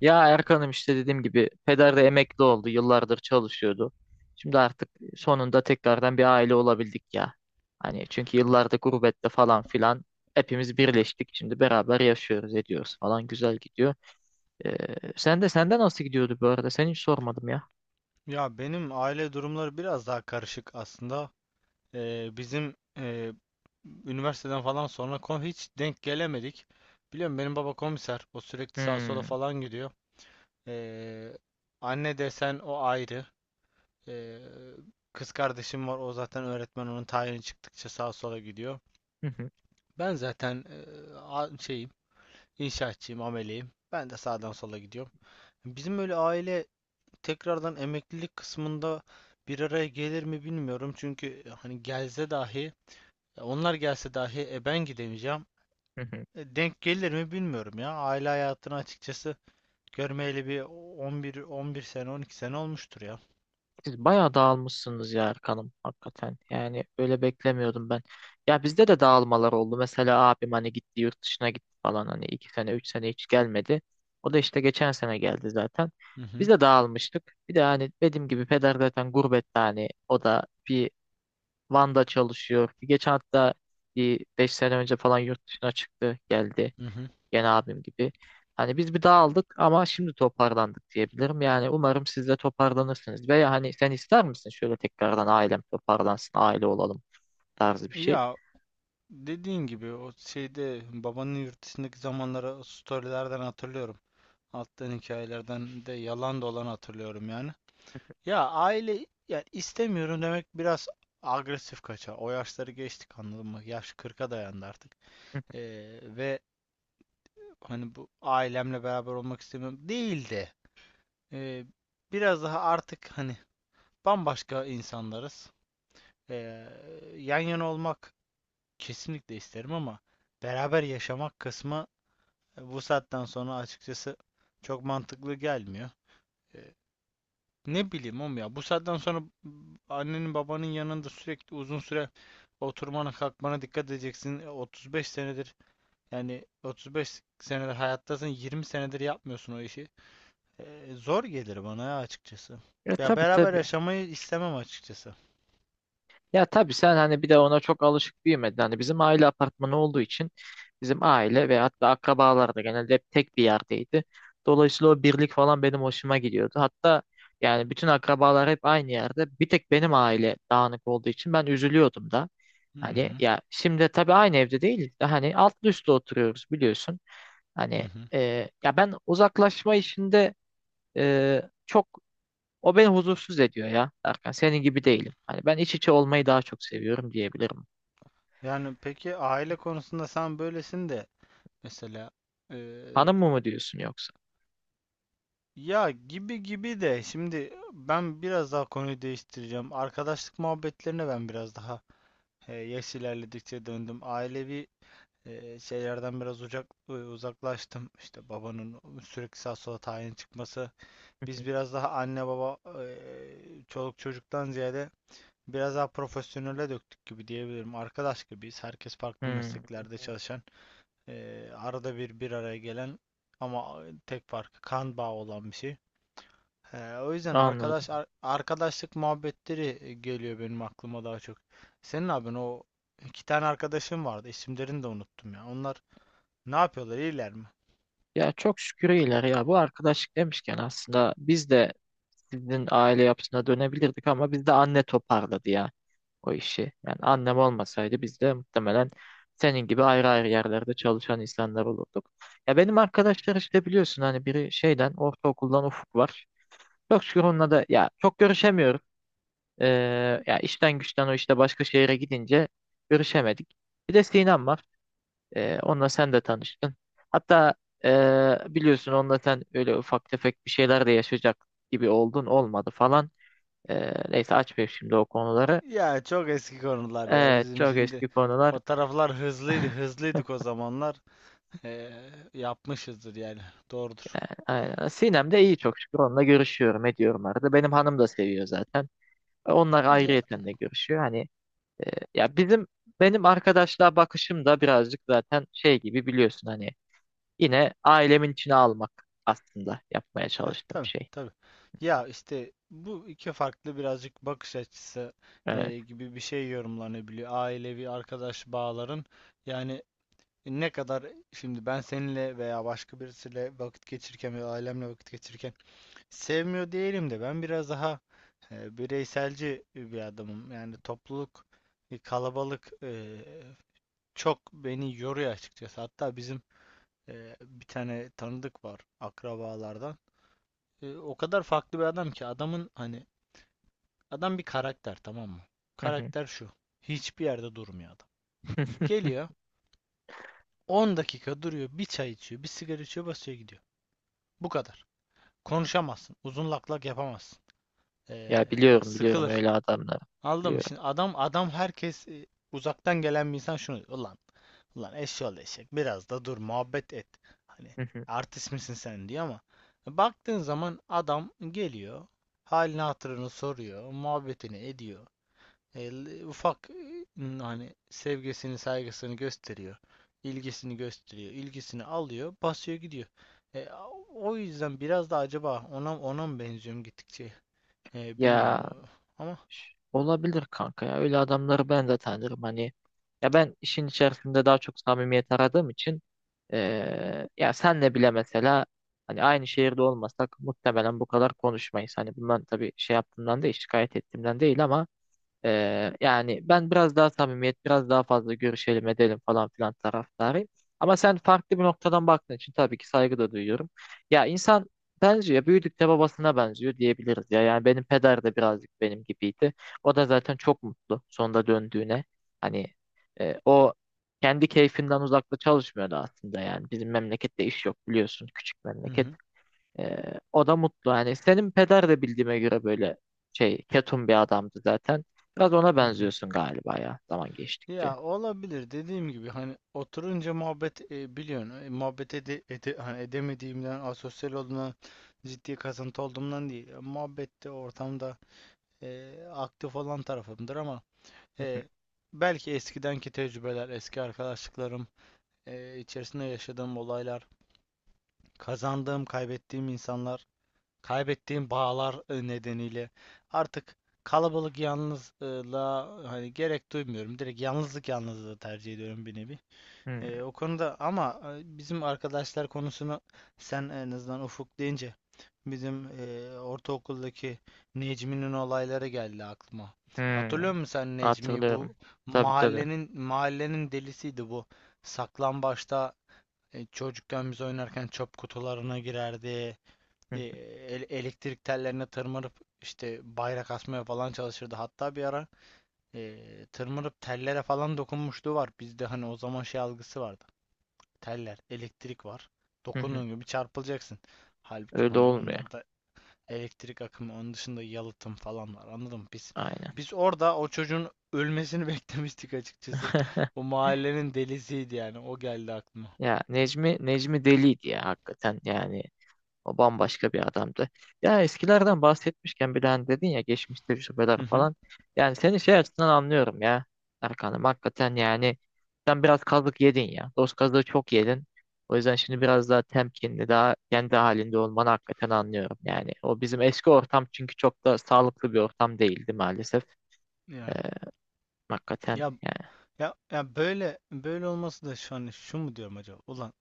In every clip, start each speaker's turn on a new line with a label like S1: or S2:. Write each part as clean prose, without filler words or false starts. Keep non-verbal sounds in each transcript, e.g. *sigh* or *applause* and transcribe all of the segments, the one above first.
S1: Ya Erkan'ım işte dediğim gibi peder de emekli oldu. Yıllardır çalışıyordu. Şimdi artık sonunda tekrardan bir aile olabildik ya. Hani çünkü yıllardır gurbette falan filan hepimiz birleştik. Şimdi beraber yaşıyoruz, ediyoruz falan güzel gidiyor. Ee, sen de senden nasıl gidiyordu bu arada? Seni hiç sormadım ya.
S2: Ya benim aile durumları biraz daha karışık aslında. Bizim üniversiteden falan sonra hiç denk gelemedik. Biliyorum, benim baba komiser. O sürekli sağa sola
S1: Hmm.
S2: falan gidiyor. Ee, Anne desen o ayrı. Ee, Kız kardeşim var. O zaten öğretmen. Onun tayini çıktıkça sağa sola gidiyor. Ben zaten şeyim, inşaatçıyım, ameleyim. Ben de sağdan sola gidiyorum. Bizim öyle aile tekrardan emeklilik kısmında bir araya gelir mi bilmiyorum. Çünkü hani gelse dahi, onlar gelse dahi ben gidemeyeceğim.
S1: *laughs*
S2: Denk gelir mi bilmiyorum ya. Aile hayatını açıkçası görmeyeli bir 11 sene, 12 sene olmuştur ya.
S1: Siz bayağı dağılmışsınız ya Erkan'ım hakikaten. Yani öyle beklemiyordum ben. Ya bizde de dağılmalar oldu. Mesela abim hani gitti yurt dışına gitti falan hani iki sene üç sene hiç gelmedi. O da işte geçen sene geldi zaten.
S2: Hı
S1: Biz
S2: hı.
S1: de dağılmıştık. Bir de hani dediğim gibi peder zaten gurbette hani o da bir Van'da çalışıyor. Bir geçen hatta bir beş sene önce falan yurt dışına çıktı geldi.
S2: Hı hı.
S1: Gene abim gibi. Hani biz bir dağıldık ama şimdi toparlandık diyebilirim. Yani umarım siz de toparlanırsınız. Veya hani sen ister misin şöyle tekrardan ailem toparlansın, aile olalım tarzı bir şey.
S2: Ya, dediğin gibi o şeyde babanın yurt dışındaki zamanları storylerden hatırlıyorum. Attığın hikayelerden de yalan da olanı hatırlıyorum yani. Ya, aile, yani istemiyorum demek biraz agresif kaçar. O yaşları geçtik, anladın mı? Yaş 40'a dayandı artık.
S1: Hı hı.
S2: Ve hani bu ailemle beraber olmak istemiyorum değil de, ee, biraz daha artık, hani, bambaşka insanlarız. Ee, Yan yana olmak kesinlikle isterim ama beraber yaşamak kısmı, bu saatten sonra açıkçası çok mantıklı gelmiyor. Ee, Ne bileyim oğlum ya. Bu saatten sonra annenin babanın yanında sürekli uzun süre oturmana kalkmana dikkat edeceksin. 35 senedir, yani 35 senedir hayattasın, 20 senedir yapmıyorsun o işi. Zor gelir bana ya açıkçası.
S1: E
S2: Ya,
S1: tabii
S2: beraber
S1: tabii.
S2: yaşamayı istemem açıkçası.
S1: Ya tabii sen hani bir de ona çok alışık büyümedin. Hani bizim aile apartmanı olduğu için bizim aile ve hatta akrabalar da genelde hep tek bir yerdeydi. Dolayısıyla o birlik falan benim hoşuma gidiyordu. Hatta yani bütün akrabalar hep aynı yerde. Bir tek benim aile dağınık olduğu için ben üzülüyordum da.
S2: Hı hı.
S1: Hani ya şimdi tabii aynı evde değiliz de hani altlı üstlü oturuyoruz biliyorsun.
S2: Hı
S1: Hani
S2: hı.
S1: ya ben uzaklaşma işinde çok o beni huzursuz ediyor ya. Erkan senin gibi değilim. Hani ben iç içe olmayı daha çok seviyorum diyebilirim.
S2: Yani, peki, aile konusunda sen böylesin de mesela, e,
S1: Hanım mı diyorsun yoksa?
S2: ya, gibi gibi de, şimdi ben biraz daha konuyu değiştireceğim. Arkadaşlık muhabbetlerine ben biraz daha, yaş ilerledikçe döndüm. Ailevi şeylerden biraz uzak, uzaklaştım. İşte babanın sürekli sağ sola tayin çıkması. Biz
S1: *laughs*
S2: biraz daha anne baba e, çoluk çocuktan ziyade biraz daha profesyonele döktük gibi diyebilirim. Arkadaş gibiyiz. Herkes farklı
S1: Hmm,
S2: mesleklerde çalışan, arada bir bir araya gelen, ama tek farkı kan bağı olan bir şey. O yüzden
S1: anladım.
S2: arkadaşlık muhabbetleri geliyor benim aklıma daha çok. Senin abin, o iki tane arkadaşım vardı. İsimlerini de unuttum ya. Onlar ne yapıyorlar? İyiler mi?
S1: Ya çok şükür iyiler ya. Bu arkadaşlık demişken aslında biz de sizin aile yapısına dönebilirdik ama bizde anne toparladı ya o işi. Yani annem olmasaydı biz de muhtemelen senin gibi ayrı ayrı yerlerde çalışan insanlar olurduk. Ya benim arkadaşlar işte biliyorsun hani biri şeyden ortaokuldan Ufuk var. Çok şükür onunla da ya çok görüşemiyorum. Ee, ya işten güçten o işte başka şehire gidince görüşemedik. Bir de Sinem var. Onunla sen de tanıştın. Hatta biliyorsun onunla sen öyle ufak tefek bir şeyler de yaşayacak gibi oldun olmadı falan. Neyse açmayayım şimdi o konuları.
S2: Ya çok eski konular ya,
S1: Evet
S2: bizim
S1: çok
S2: şimdi
S1: eski konular.
S2: o taraflar hızlıydı, hızlıydık o zamanlar. Ee, Yapmışızdır yani, doğrudur.
S1: Aynen. Sinem de iyi çok şükür. Onunla görüşüyorum ediyorum arada. Benim hanım da seviyor zaten. E, onlar
S2: Ya.
S1: ayrıyeten de görüşüyor. Hani ya benim arkadaşlığa bakışım da birazcık zaten şey gibi biliyorsun hani yine ailemin içine almak aslında yapmaya
S2: Evet,
S1: çalıştığım
S2: tabii
S1: şey.
S2: tabii. Ya, işte bu iki farklı birazcık bakış açısı
S1: Evet.
S2: gibi bir şey yorumlanabiliyor. Ailevi arkadaş bağların, yani ne kadar, şimdi ben seninle veya başka birisiyle vakit geçirirken veya ailemle vakit geçirirken sevmiyor diyelim de, ben biraz daha bireyselci bir adamım. Yani topluluk, kalabalık çok beni yoruyor açıkçası. Hatta bizim bir tane tanıdık var akrabalardan. O kadar farklı bir adam ki, adamın, hani, adam bir karakter, tamam mı?
S1: Hı hı.
S2: Karakter şu: hiçbir yerde durmuyor adam. Geliyor,
S1: *laughs*
S2: 10 dakika duruyor, bir çay içiyor, bir sigara içiyor, basıyor gidiyor. Bu kadar. Konuşamazsın. Uzun lak lak yapamazsın. Ee,
S1: Ya biliyorum
S2: Sıkılır.
S1: öyle adamları.
S2: Anladın mı?
S1: Biliyorum.
S2: Şimdi adam, adam, herkes, uzaktan gelen bir insan şunu diyor: ulan, eşşoğlu eşek, biraz da dur, muhabbet et. Hani,
S1: Hı hı.
S2: artist misin sen, diyor ama baktığın zaman adam geliyor, halini hatırını soruyor, muhabbetini ediyor, ufak, hani, sevgisini saygısını gösteriyor, ilgisini gösteriyor, ilgisini alıyor, basıyor gidiyor. E, O yüzden biraz da, acaba ona mı benziyorum gittikçe? Bilmiyorum
S1: Ya
S2: ama.
S1: olabilir kanka ya. Öyle adamları ben de tanırım hani. Ya ben işin içerisinde daha çok samimiyet aradığım için ya senle bile mesela hani aynı şehirde olmasak muhtemelen bu kadar konuşmayız. Hani bundan tabii şey yaptığımdan değil, şikayet ettiğimden değil ama yani ben biraz daha samimiyet, biraz daha fazla görüşelim edelim falan filan taraftarıyım. Ama sen farklı bir noktadan baktığın için tabii ki saygı da duyuyorum. Ya insan benziyor, büyüdükçe babasına benziyor diyebiliriz ya. Yani benim peder de birazcık benim gibiydi. O da zaten çok mutlu sonunda döndüğüne. Hani o kendi keyfinden uzakta çalışmıyordu aslında yani. Bizim memlekette iş yok biliyorsun, küçük
S2: Hı
S1: memleket.
S2: hı.
S1: O da mutlu. Yani senin peder de bildiğime göre böyle şey ketum bir adamdı zaten. Biraz ona
S2: Hı hı.
S1: benziyorsun galiba ya zaman geçtikçe.
S2: Ya olabilir, dediğim gibi, hani oturunca muhabbet, biliyorsun, hani edemediğimden, asosyal olduğumdan, ciddi kasıntı olduğumdan değil. Muhabbette, ortamda aktif olan tarafımdır ama,
S1: Hı hı,
S2: E, belki eskidenki tecrübeler, eski arkadaşlıklarım, içerisinde yaşadığım olaylar, kazandığım, kaybettiğim insanlar, kaybettiğim bağlar nedeniyle artık kalabalık yalnızlığa hani gerek duymuyorum. Direkt yalnızlık, yalnızlığı tercih ediyorum bir nevi.
S1: hı
S2: O konuda ama, bizim arkadaşlar konusunu sen en azından Ufuk deyince, bizim ortaokuldaki Necmi'nin olayları geldi aklıma.
S1: hı.
S2: Hatırlıyor musun sen Necmi'yi?
S1: Hatırlıyorum.
S2: Bu
S1: Tabii tabii.
S2: mahallenin delisiydi bu. Saklambaçta, çocukken biz oynarken çöp kutularına girerdi.
S1: Hı
S2: E,
S1: hı,
S2: elektrik tellerine tırmanıp işte bayrak asmaya falan çalışırdı. Hatta bir ara tırmanıp tellere falan dokunmuşluğu var. Bizde hani o zaman şey algısı vardı: teller, elektrik var,
S1: hı hı.
S2: dokunduğun gibi çarpılacaksın. Halbuki
S1: Öyle
S2: hani
S1: olmuyor.
S2: onlarda elektrik akımı, onun dışında yalıtım falan var. Anladın mı? Biz
S1: Aynen.
S2: biz orada o çocuğun ölmesini beklemiştik açıkçası. *laughs* O
S1: *laughs*
S2: mahallenin delisiydi yani. O geldi aklıma.
S1: Ya Necmi deliydi ya hakikaten yani o bambaşka bir adamdı. Ya eskilerden bahsetmişken bir hani dedin ya geçmiş tecrübeler
S2: Hı hı.
S1: falan. Yani seni şey açısından anlıyorum ya Erkan'ım. Hakikaten yani sen biraz kazık yedin ya. Dost kazığı çok yedin. O yüzden şimdi biraz daha temkinli, daha kendi halinde olmanı hakikaten anlıyorum. Yani o bizim eski ortam çünkü çok da sağlıklı bir ortam değildi maalesef. Ee,
S2: Yani.
S1: hakikaten
S2: Ya
S1: yani.
S2: ya, böyle böyle olması da, şu an şu mu diyorum acaba: ulan,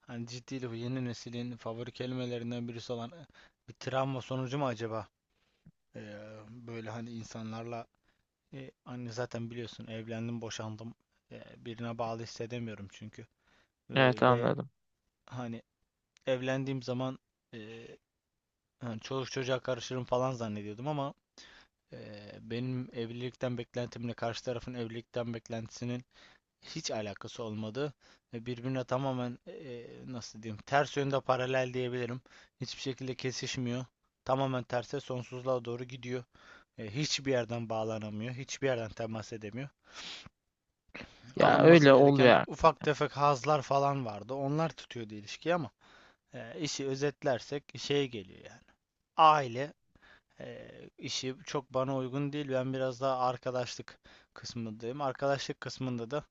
S2: hani, ciddiyle, bu yeni neslin favori kelimelerinden birisi olan bir travma sonucu mu acaba? Böyle hani insanlarla, hani zaten biliyorsun, evlendim, boşandım. Birine bağlı hissedemiyorum çünkü. Ee,
S1: Evet
S2: ve
S1: anladım.
S2: hani evlendiğim zaman, e, hani çoluk çocuğa karışırım falan zannediyordum ama, e, benim evlilikten beklentimle karşı tarafın evlilikten beklentisinin hiç alakası olmadı. Ve birbirine tamamen, nasıl diyeyim, ters yönde paralel diyebilirim. Hiçbir şekilde kesişmiyor. Tamamen terse, sonsuzluğa doğru gidiyor. Hiçbir yerden bağlanamıyor, hiçbir yerden temas edemiyor.
S1: Ya
S2: Alınması
S1: öyle
S2: gereken
S1: oluyor.
S2: ufak tefek hazlar falan vardı. Onlar tutuyordu ilişkiyi ama, işi özetlersek şeye geliyor yani. Aile e, işi çok bana uygun değil. Ben biraz daha arkadaşlık kısmındayım. Arkadaşlık kısmında da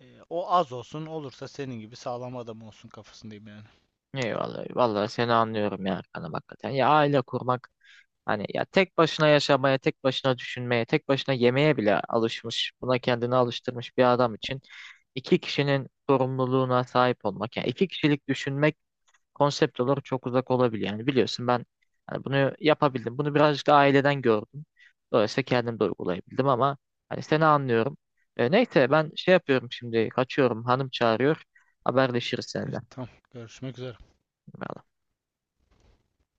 S2: o az olsun, olursa senin gibi sağlam adam olsun kafasındayım yani.
S1: Eyvallah. Vallahi seni anlıyorum ya Erkan'ım hakikaten. Ya aile kurmak hani ya tek başına yaşamaya, tek başına düşünmeye, tek başına yemeye bile alışmış, buna kendini alıştırmış bir adam için iki kişinin sorumluluğuna sahip olmak, yani iki kişilik düşünmek konsept olarak çok uzak olabilir. Yani biliyorsun ben hani bunu yapabildim. Bunu birazcık da aileden gördüm. Dolayısıyla kendim de uygulayabildim ama hani seni anlıyorum. E, neyse ben şey yapıyorum şimdi kaçıyorum. Hanım çağırıyor. Haberleşiriz seninle.
S2: Evet, tamam, görüşmek üzere.